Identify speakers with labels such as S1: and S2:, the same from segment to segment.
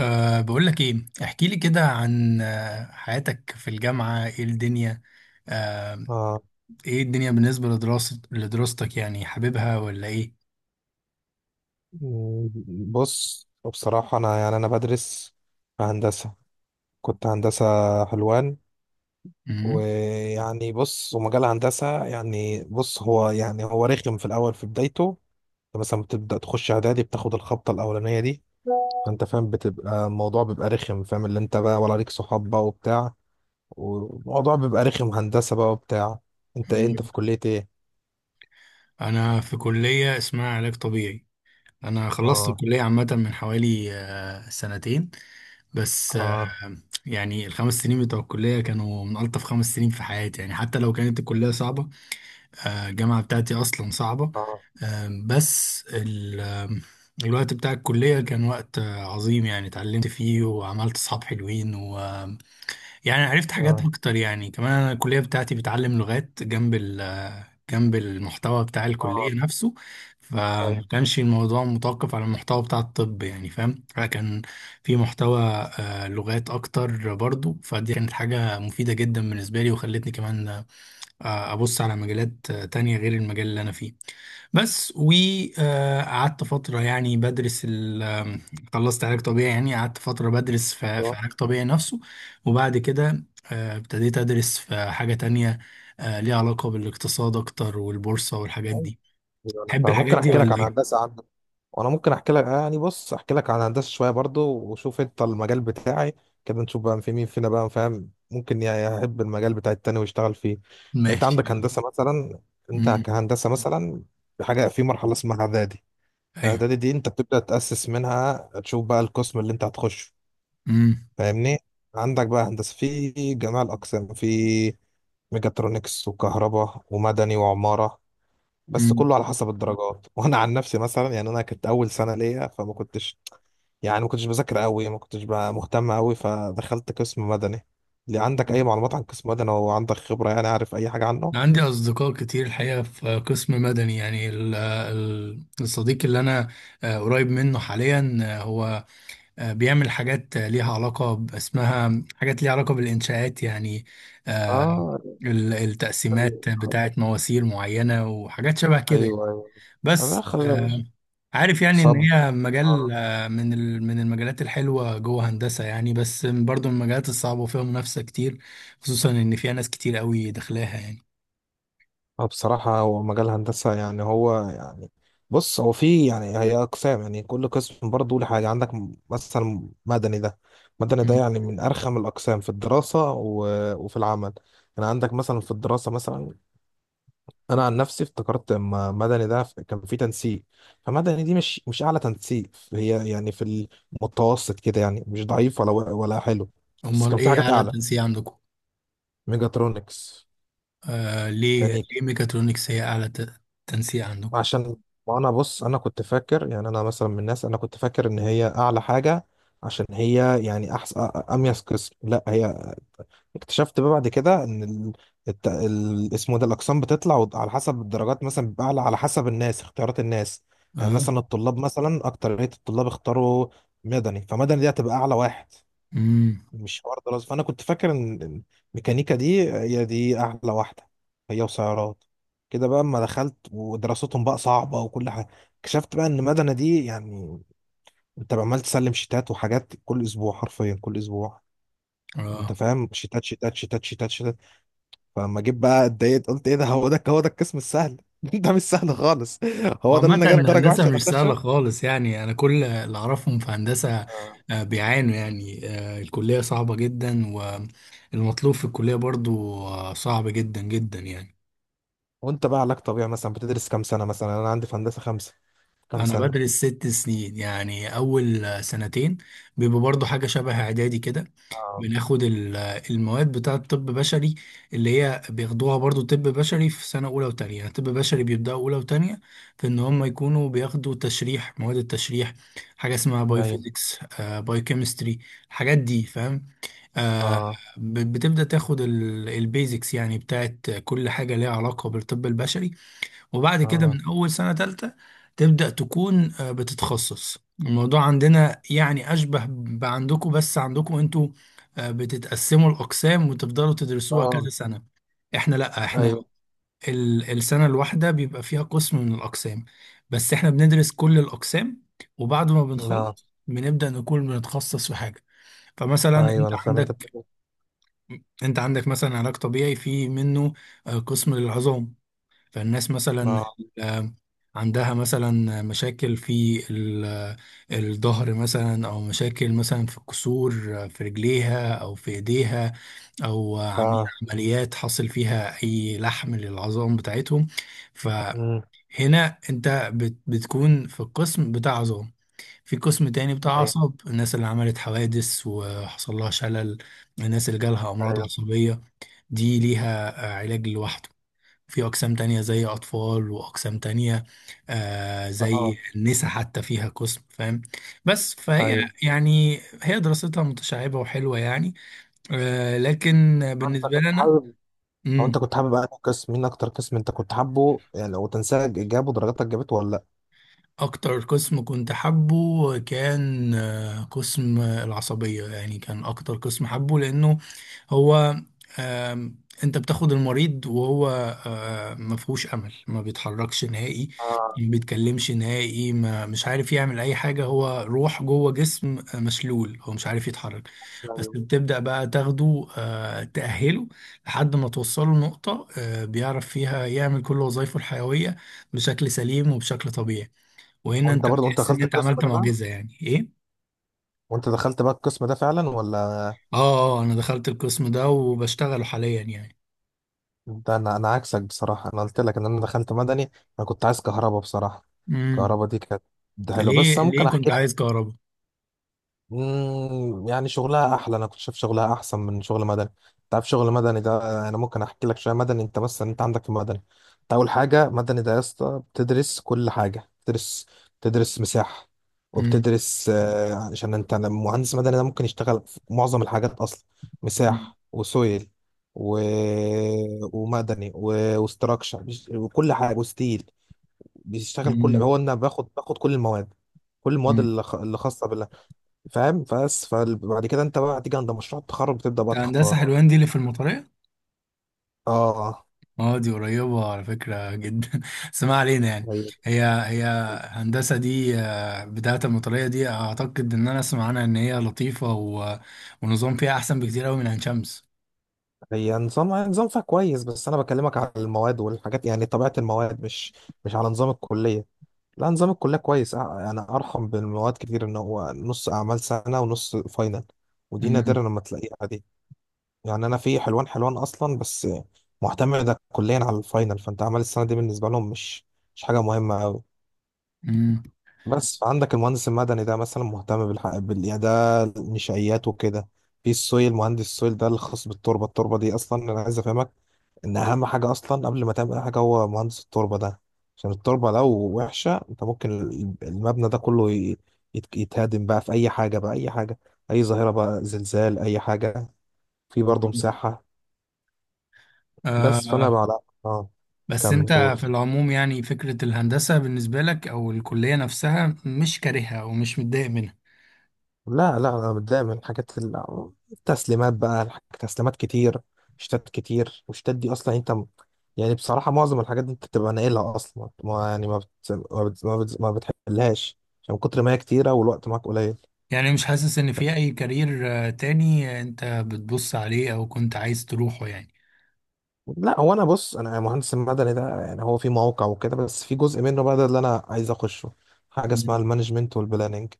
S1: بقول لك ايه، احكي لي كده عن حياتك في الجامعة، ايه الدنيا؟ أه
S2: آه.
S1: ايه الدنيا بالنسبة لدراسة لدراستك، يعني حاببها ولا ايه؟
S2: م- بص، بصراحة يعني أنا بدرس في هندسة، كنت هندسة حلوان.
S1: مم.
S2: ويعني بص، ومجال هندسة يعني، بص، يعني هو رخم في الأول، في بدايته. أنت مثلا بتبدأ تخش إعدادي، بتاخد الخبطة الأولانية دي، فأنت فاهم بتبقى الموضوع بيبقى رخم، فاهم اللي أنت بقى، ولا ليك صحاب بقى وبتاع، والموضوع بيبقى رخم هندسة بقى وبتاع. أنت
S1: مم.
S2: في كلية إيه؟
S1: انا في كلية اسمها علاج طبيعي. انا خلصت
S2: آه،
S1: الكلية عامة من حوالي سنتين، بس
S2: آه،
S1: يعني الخمس سنين بتوع الكلية كانوا من ألطف خمس سنين في حياتي، يعني حتى لو كانت الكلية صعبة. الجامعة بتاعتي أصلا صعبة.
S2: آه،
S1: آم، بس ال- آم، الوقت بتاع الكلية كان وقت عظيم، يعني اتعلمت فيه وعملت صحاب حلوين، ويعني عرفت حاجات
S2: آه،
S1: أكتر. يعني كمان أنا الكلية بتاعتي بتعلم لغات جنب ال آه، جنب المحتوى بتاع الكلية
S2: آه.
S1: نفسه، فما
S2: طيب.
S1: كانش الموضوع متوقف على المحتوى بتاع الطب، يعني فاهم، فكان في محتوى لغات أكتر برضو، فدي كانت حاجة مفيدة جدا بالنسبة لي، وخلتني كمان ابص على مجالات تانية غير المجال اللي انا فيه. بس وقعدت فترة يعني بدرس ال آه، خلصت علاج طبيعي، يعني قعدت فترة بدرس في علاج طبيعي نفسه، وبعد كده ابتديت ادرس في حاجة تانية ليها علاقة بالاقتصاد اكتر والبورصة والحاجات دي.
S2: أيوة، أنا
S1: تحب الحاجات
S2: فممكن
S1: مبروك دي
S2: احكي
S1: على،
S2: لك
S1: ولا
S2: عن
S1: فكرة ايه؟
S2: هندسه عندك، وانا ممكن احكي لك، يعني بص، احكي لك عن هندسه شويه برضو، وشوف انت المجال بتاعي كده، نشوف بقى في مين فينا بقى، فاهم، ممكن يحب المجال بتاع التاني ويشتغل فيه يعني. انت
S1: ماشي،
S2: عندك
S1: أكيد.
S2: هندسه مثلا، انت
S1: امم
S2: كهندسه مثلا، في حاجه في مرحله اسمها اعدادي.
S1: ايوه.
S2: اعدادي دي انت بتبدا تاسس منها، تشوف بقى القسم اللي انت هتخشه،
S1: امم
S2: فاهمني؟ عندك بقى هندسه في جميع الاقسام، في ميجاترونكس، وكهرباء، ومدني، وعماره، بس كله على حسب الدرجات. وانا عن نفسي مثلا، يعني انا كنت اول سنه ليا، فما كنتش يعني، ما كنتش بذاكر قوي، ما كنتش بقى مهتم قوي، فدخلت قسم مدني. اللي عندك اي
S1: امم
S2: معلومات عن قسم مدني، او عندك خبره، يعني عارف اي حاجه عنه؟
S1: أنا عندي أصدقاء كتير الحقيقة في قسم مدني، يعني الصديق اللي أنا قريب منه حاليا هو بيعمل حاجات ليها علاقة اسمها حاجات ليها علاقة بالإنشاءات، يعني آه،
S2: اه. خل-
S1: التقسيمات
S2: خل-
S1: بتاعت مواسير معينة وحاجات شبه كده،
S2: ايوه، ايوه، أنا
S1: بس
S2: خلاص يا باشا.
S1: عارف يعني إن
S2: صب.
S1: هي مجال من المجالات الحلوة جوه هندسة، يعني بس برضو من المجالات الصعبة وفيها منافسة كتير، خصوصا إن فيها ناس كتير قوي داخلاها يعني.
S2: اه، بصراحة هو مجال هندسة يعني، هو يعني، بص هو في، يعني هي أقسام يعني، كل قسم برضه له حاجة عندك. مثلا مدني ده، مدني ده يعني من أرخم الأقسام في الدراسة و- وفي العمل. يعني عندك مثلا في الدراسة مثلا، أنا عن نفسي افتكرت لما مدني ده، كان في تنسيق، فمدني دي مش أعلى تنسيق، هي يعني في المتوسط كده، يعني مش ضعيف ولا حلو، بس
S1: امال
S2: كان في
S1: ايه
S2: حاجات
S1: اعلى
S2: أعلى،
S1: تنسيق عندكم؟
S2: ميجاترونكس،
S1: آه، ليه
S2: ميكانيكا.
S1: ليه ميكاترونكس هي اعلى تنسيق عندكم؟
S2: عشان، وانا بص، انا كنت فاكر يعني، انا مثلا من الناس، انا كنت فاكر ان هي اعلى حاجه، عشان هي يعني احسن، اميز قسم. لا، هي اكتشفت بقى بعد كده ان اسمه ده، الاقسام بتطلع على حسب الدرجات، مثلا بيبقى اعلى على حسب الناس، اختيارات الناس. يعني
S1: اه.
S2: مثلا الطلاب مثلا، اكتريه الطلاب اختاروا مدني، فمدني دي هتبقى اعلى واحد،
S1: امم
S2: مش حوار دراسة. فأنا كنت فاكر إن الميكانيكا دي هي دي أحلى واحدة، هي وسيارات كده بقى. أما دخلت ودراستهم بقى صعبة وكل حاجة، اكتشفت بقى إن مدنة دي يعني، أنت عمال تسلم شيتات وحاجات كل أسبوع، حرفيا كل أسبوع. أنت
S1: اه.
S2: فاهم، شيتات شيتات شيتات شيتات شيتات. فلما جيت بقى اتضايقت، قلت إيه ده، هو ده، هو ده القسم السهل؟ ده مش سهل خالص، هو ده اللي
S1: عامة
S2: أنا جايب درجة وحشة
S1: الهندسة
S2: أنا
S1: مش سهلة
S2: أخشه.
S1: خالص، يعني أنا كل اللي أعرفهم في هندسة
S2: آه.
S1: بيعانوا، يعني الكلية صعبة جدا، والمطلوب في الكلية برضو صعب جدا جدا يعني.
S2: وأنت بقى علاج طبيعي مثلا بتدرس كام سنة؟ مثلا أنا عندي في هندسة 5. كام
S1: انا
S2: سنة؟
S1: بدرس ست سنين، يعني اول سنتين بيبقى برضو حاجه شبه اعدادي كده،
S2: اه،
S1: بناخد المواد بتاعه طب بشري، اللي هي بياخدوها برضو طب بشري في سنه اولى وتانية. يعني طب بشري بيبداوا اولى وتانية في ان هم يكونوا بياخدوا تشريح، مواد التشريح، حاجه اسمها باي
S2: ايوه،
S1: فيزيكس، باي كيمستري، الحاجات دي، فاهم؟ آه،
S2: اه،
S1: بتبدا تاخد البيزكس يعني بتاعه كل حاجه ليها علاقه بالطب البشري. وبعد كده
S2: اه،
S1: من أول سنة تالتة تبدأ تكون بتتخصص. الموضوع عندنا يعني أشبه بعندكم، بس عندكم أنتوا بتتقسموا الأقسام وتفضلوا تدرسوها
S2: اه،
S1: كذا سنة. إحنا لأ، إحنا
S2: ايوه،
S1: السنة الواحدة بيبقى فيها قسم من الأقسام، بس إحنا بندرس كل الأقسام، وبعد ما
S2: لا،
S1: بنخلص بنبدأ نكون بنتخصص في حاجة. فمثلا
S2: ايوه،
S1: أنت
S2: انا فاهم انت
S1: عندك،
S2: بتقول.
S1: أنت عندك مثلا علاج طبيعي، في منه قسم للعظام. فالناس
S2: إيه.
S1: مثلا
S2: اه،
S1: آه، عندها مثلا مشاكل في الظهر مثلا، او مشاكل مثلا في الكسور في رجليها او في ايديها، او عاملين
S2: اه،
S1: عمليات حصل فيها اي لحم للعظام بتاعتهم، فهنا
S2: امم،
S1: انت بتكون في القسم بتاع عظام. في قسم تاني بتاع
S2: ايوه،
S1: اعصاب، الناس اللي عملت حوادث وحصل لها شلل، الناس اللي جالها امراض
S2: ايوه،
S1: عصبية، دي ليها علاج لوحده. في أقسام تانية زي أطفال، وأقسام تانية آه زي
S2: اه،
S1: النساء، حتى فيها قسم، فاهم؟ بس فهي
S2: ايوه،
S1: يعني هي دراستها متشعبة وحلوة يعني. آه لكن
S2: آه، انت
S1: بالنسبة
S2: كنت
S1: لنا
S2: حابب، او انت
S1: مم،
S2: كنت حابب انهي قسم، مين اكتر قسم انت كنت حابه؟ يعني لو تنساه، جابه درجاتك جابته ولا لا؟
S1: أكتر قسم كنت حابه كان آه قسم العصبية، يعني كان أكتر قسم حابه، لأنه هو آم، انت بتاخد المريض وهو ما فيهوش امل، ما بيتحركش نهائي،
S2: اه،
S1: ما بيتكلمش نهائي، ما مش عارف يعمل اي حاجه، هو روح جوه جسم مشلول، هو مش عارف يتحرك، بس
S2: ايوه.
S1: بتبدا بقى تاخده تاهله لحد ما توصله لنقطه بيعرف فيها يعمل كل وظائفه الحيويه بشكل سليم وبشكل طبيعي. وهنا
S2: وانت
S1: انت
S2: برضه انت
S1: بتحس ان
S2: دخلت
S1: انت
S2: القسم
S1: عملت
S2: ده بقى،
S1: معجزه، يعني ايه.
S2: وانت دخلت بقى القسم ده فعلا ولا؟
S1: اه اه، انا دخلت القسم ده وبشتغله حاليا.
S2: انت انا انا عكسك بصراحه، انا قلت لك ان انا دخلت مدني، انا كنت عايز كهرباء بصراحه.
S1: يعني
S2: كهرباء دي كانت حلوه،
S1: ليه
S2: بس انا ممكن
S1: ليه كنت
S2: احكي
S1: عايز
S2: لك.
S1: كهرباء؟
S2: يعني شغلها احلى، انا كنت شايف شغلها احسن من شغل مدني. انت عارف شغل مدني ده؟ انا ممكن احكي لك شويه مدني. انت عندك في مدني، انت اول حاجه مدني ده يا اسطى، بتدرس كل حاجه، بتدرس، بتدرس مساحه،
S1: مم.
S2: وبتدرس، عشان انت مهندس مدني ده ممكن يشتغل في معظم الحاجات اصلا.
S1: مم.
S2: مساحه، وسويل، و... ومدني، وستراكشر، وكل حاجه، وستيل، بيشتغل كل
S1: مم.
S2: هو. انا باخد كل المواد، كل المواد
S1: مم.
S2: اللي خاصه، فاهم؟ بس فبعد كده انت بقى هتيجي عند مشروع التخرج بتبدأ
S1: انت
S2: بقى
S1: هندسة
S2: تختار.
S1: حلوان دي اللي في المطرية؟
S2: اه.
S1: اه، دي قريبة على فكرة جدا بس ما علينا يعني.
S2: هي
S1: هي هندسة دي بتاعة المطرية دي، اعتقد ان انا اسمع عنها ان هي لطيفة، و... ونظام فيها احسن بكتير قوي من عين شمس.
S2: هي نظام فيها كويس، بس انا بكلمك على المواد والحاجات، يعني طبيعة المواد، مش مش على نظام الكلية. لا، نظام الكلية كويس، اه، انا ارحم بالمواد كتير ان هو نص اعمال سنة ونص فاينل، ودي
S1: مم.
S2: نادرة لما تلاقيها دي. يعني انا في حلوان اصلا بس، معتمدة كليا على الفاينل، فانت اعمال السنة دي بالنسبة لهم مش، مش حاجة مهمة أوي.
S1: مم.
S2: بس فعندك المهندس المدني ده مثلا مهتم يعني ده النشائيات وكده. في السويل، مهندس السويل ده الخاص بالتربه. التربه دي اصلا انا عايز افهمك ان اهم حاجه اصلا قبل ما تعمل اي حاجه هو مهندس التربه ده، عشان التربه لو وحشه انت ممكن، المبنى ده كله يتهدم بقى في اي حاجه بقى، اي حاجه، اي ظاهره بقى، زلزال، اي حاجه. في برضه
S1: مم.
S2: مساحه، بس. فانا
S1: آه.
S2: بقى لا، اه،
S1: بس
S2: كمل
S1: انت
S2: قول.
S1: في العموم، يعني فكرة الهندسة بالنسبة لك او الكلية نفسها، مش كارهها ومش متضايق منها
S2: لا لا، انا متضايق من الحاجات، التسليمات بقى، تسليمات كتير، شتات كتير، والشتات دي اصلا انت، يعني بصراحه معظم الحاجات دي انت بتبقى ناقلها اصلا، ما يعني ما بت... ما, بت... ما, بت... ما, بتحلهاش، عشان من كتر ما هي كتيره والوقت معاك قليل.
S1: يعني؟ مش حاسس ان في اي كارير تاني انت بتبص عليه او كنت عايز تروحه يعني؟
S2: لا هو، انا مهندس المدني ده، يعني هو في موقع وكده، بس في جزء منه بقى ده اللي انا عايز اخشه، حاجه اسمها
S1: مم.
S2: المانجمنت والبلاننج،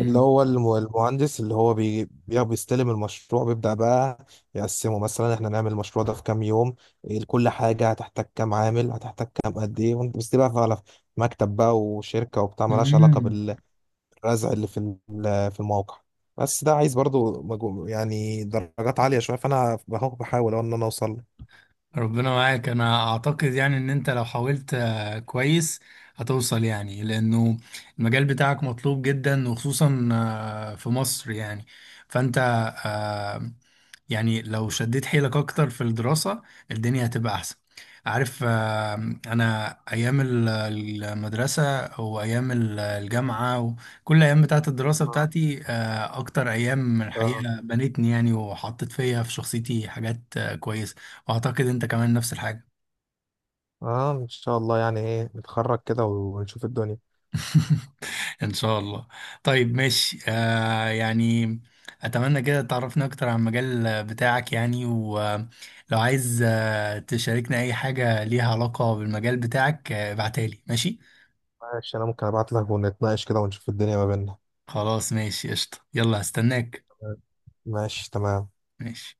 S2: اللي هو، المهندس اللي هو بيستلم المشروع، بيبدأ بقى يقسمه، مثلا احنا نعمل المشروع ده في كام يوم، إيه كل حاجة، هتحتاج كام عامل، هتحتاج كام، قد ايه، وانت بس، دي بقى على مكتب بقى وشركة وبتاع، ملهاش علاقة
S1: مم.
S2: بالرزع اللي في، في الموقع. بس ده عايز برضو، يعني درجات عالية شوية، فأنا بحاول أهو إن أنا أوصل له.
S1: ربنا معاك. انا اعتقد يعني ان انت لو حاولت كويس هتوصل، يعني لانه المجال بتاعك مطلوب جدا، وخصوصا في مصر يعني. فانت آه، يعني لو شديت حيلك اكتر في الدراسة، الدنيا هتبقى احسن. عارف انا ايام المدرسة، وايام الجامعة، وكل ايام بتاعت الدراسة
S2: اه،
S1: بتاعتي اكتر ايام
S2: اه،
S1: الحقيقة بنتني يعني، وحطت فيها في شخصيتي حاجات كويسة. اعتقد انت كمان نفس الحاجة.
S2: آه، إن شاء الله يعني، إيه، نتخرج كده ونشوف الدنيا.
S1: ان شاء الله. طيب ماشي آه يعني، اتمنى كده تعرفنا اكتر عن المجال بتاعك، يعني ولو عايز تشاركنا اي حاجة ليها علاقة بالمجال بتاعك ابعتها لي، ماشي؟
S2: ماشي، أنا ممكن أبعت لك ونتناقش كده ونشوف الدنيا ما بيننا.
S1: خلاص، ماشي، قشطة، يلا هستناك.
S2: ماشي، تمام.
S1: ماشي.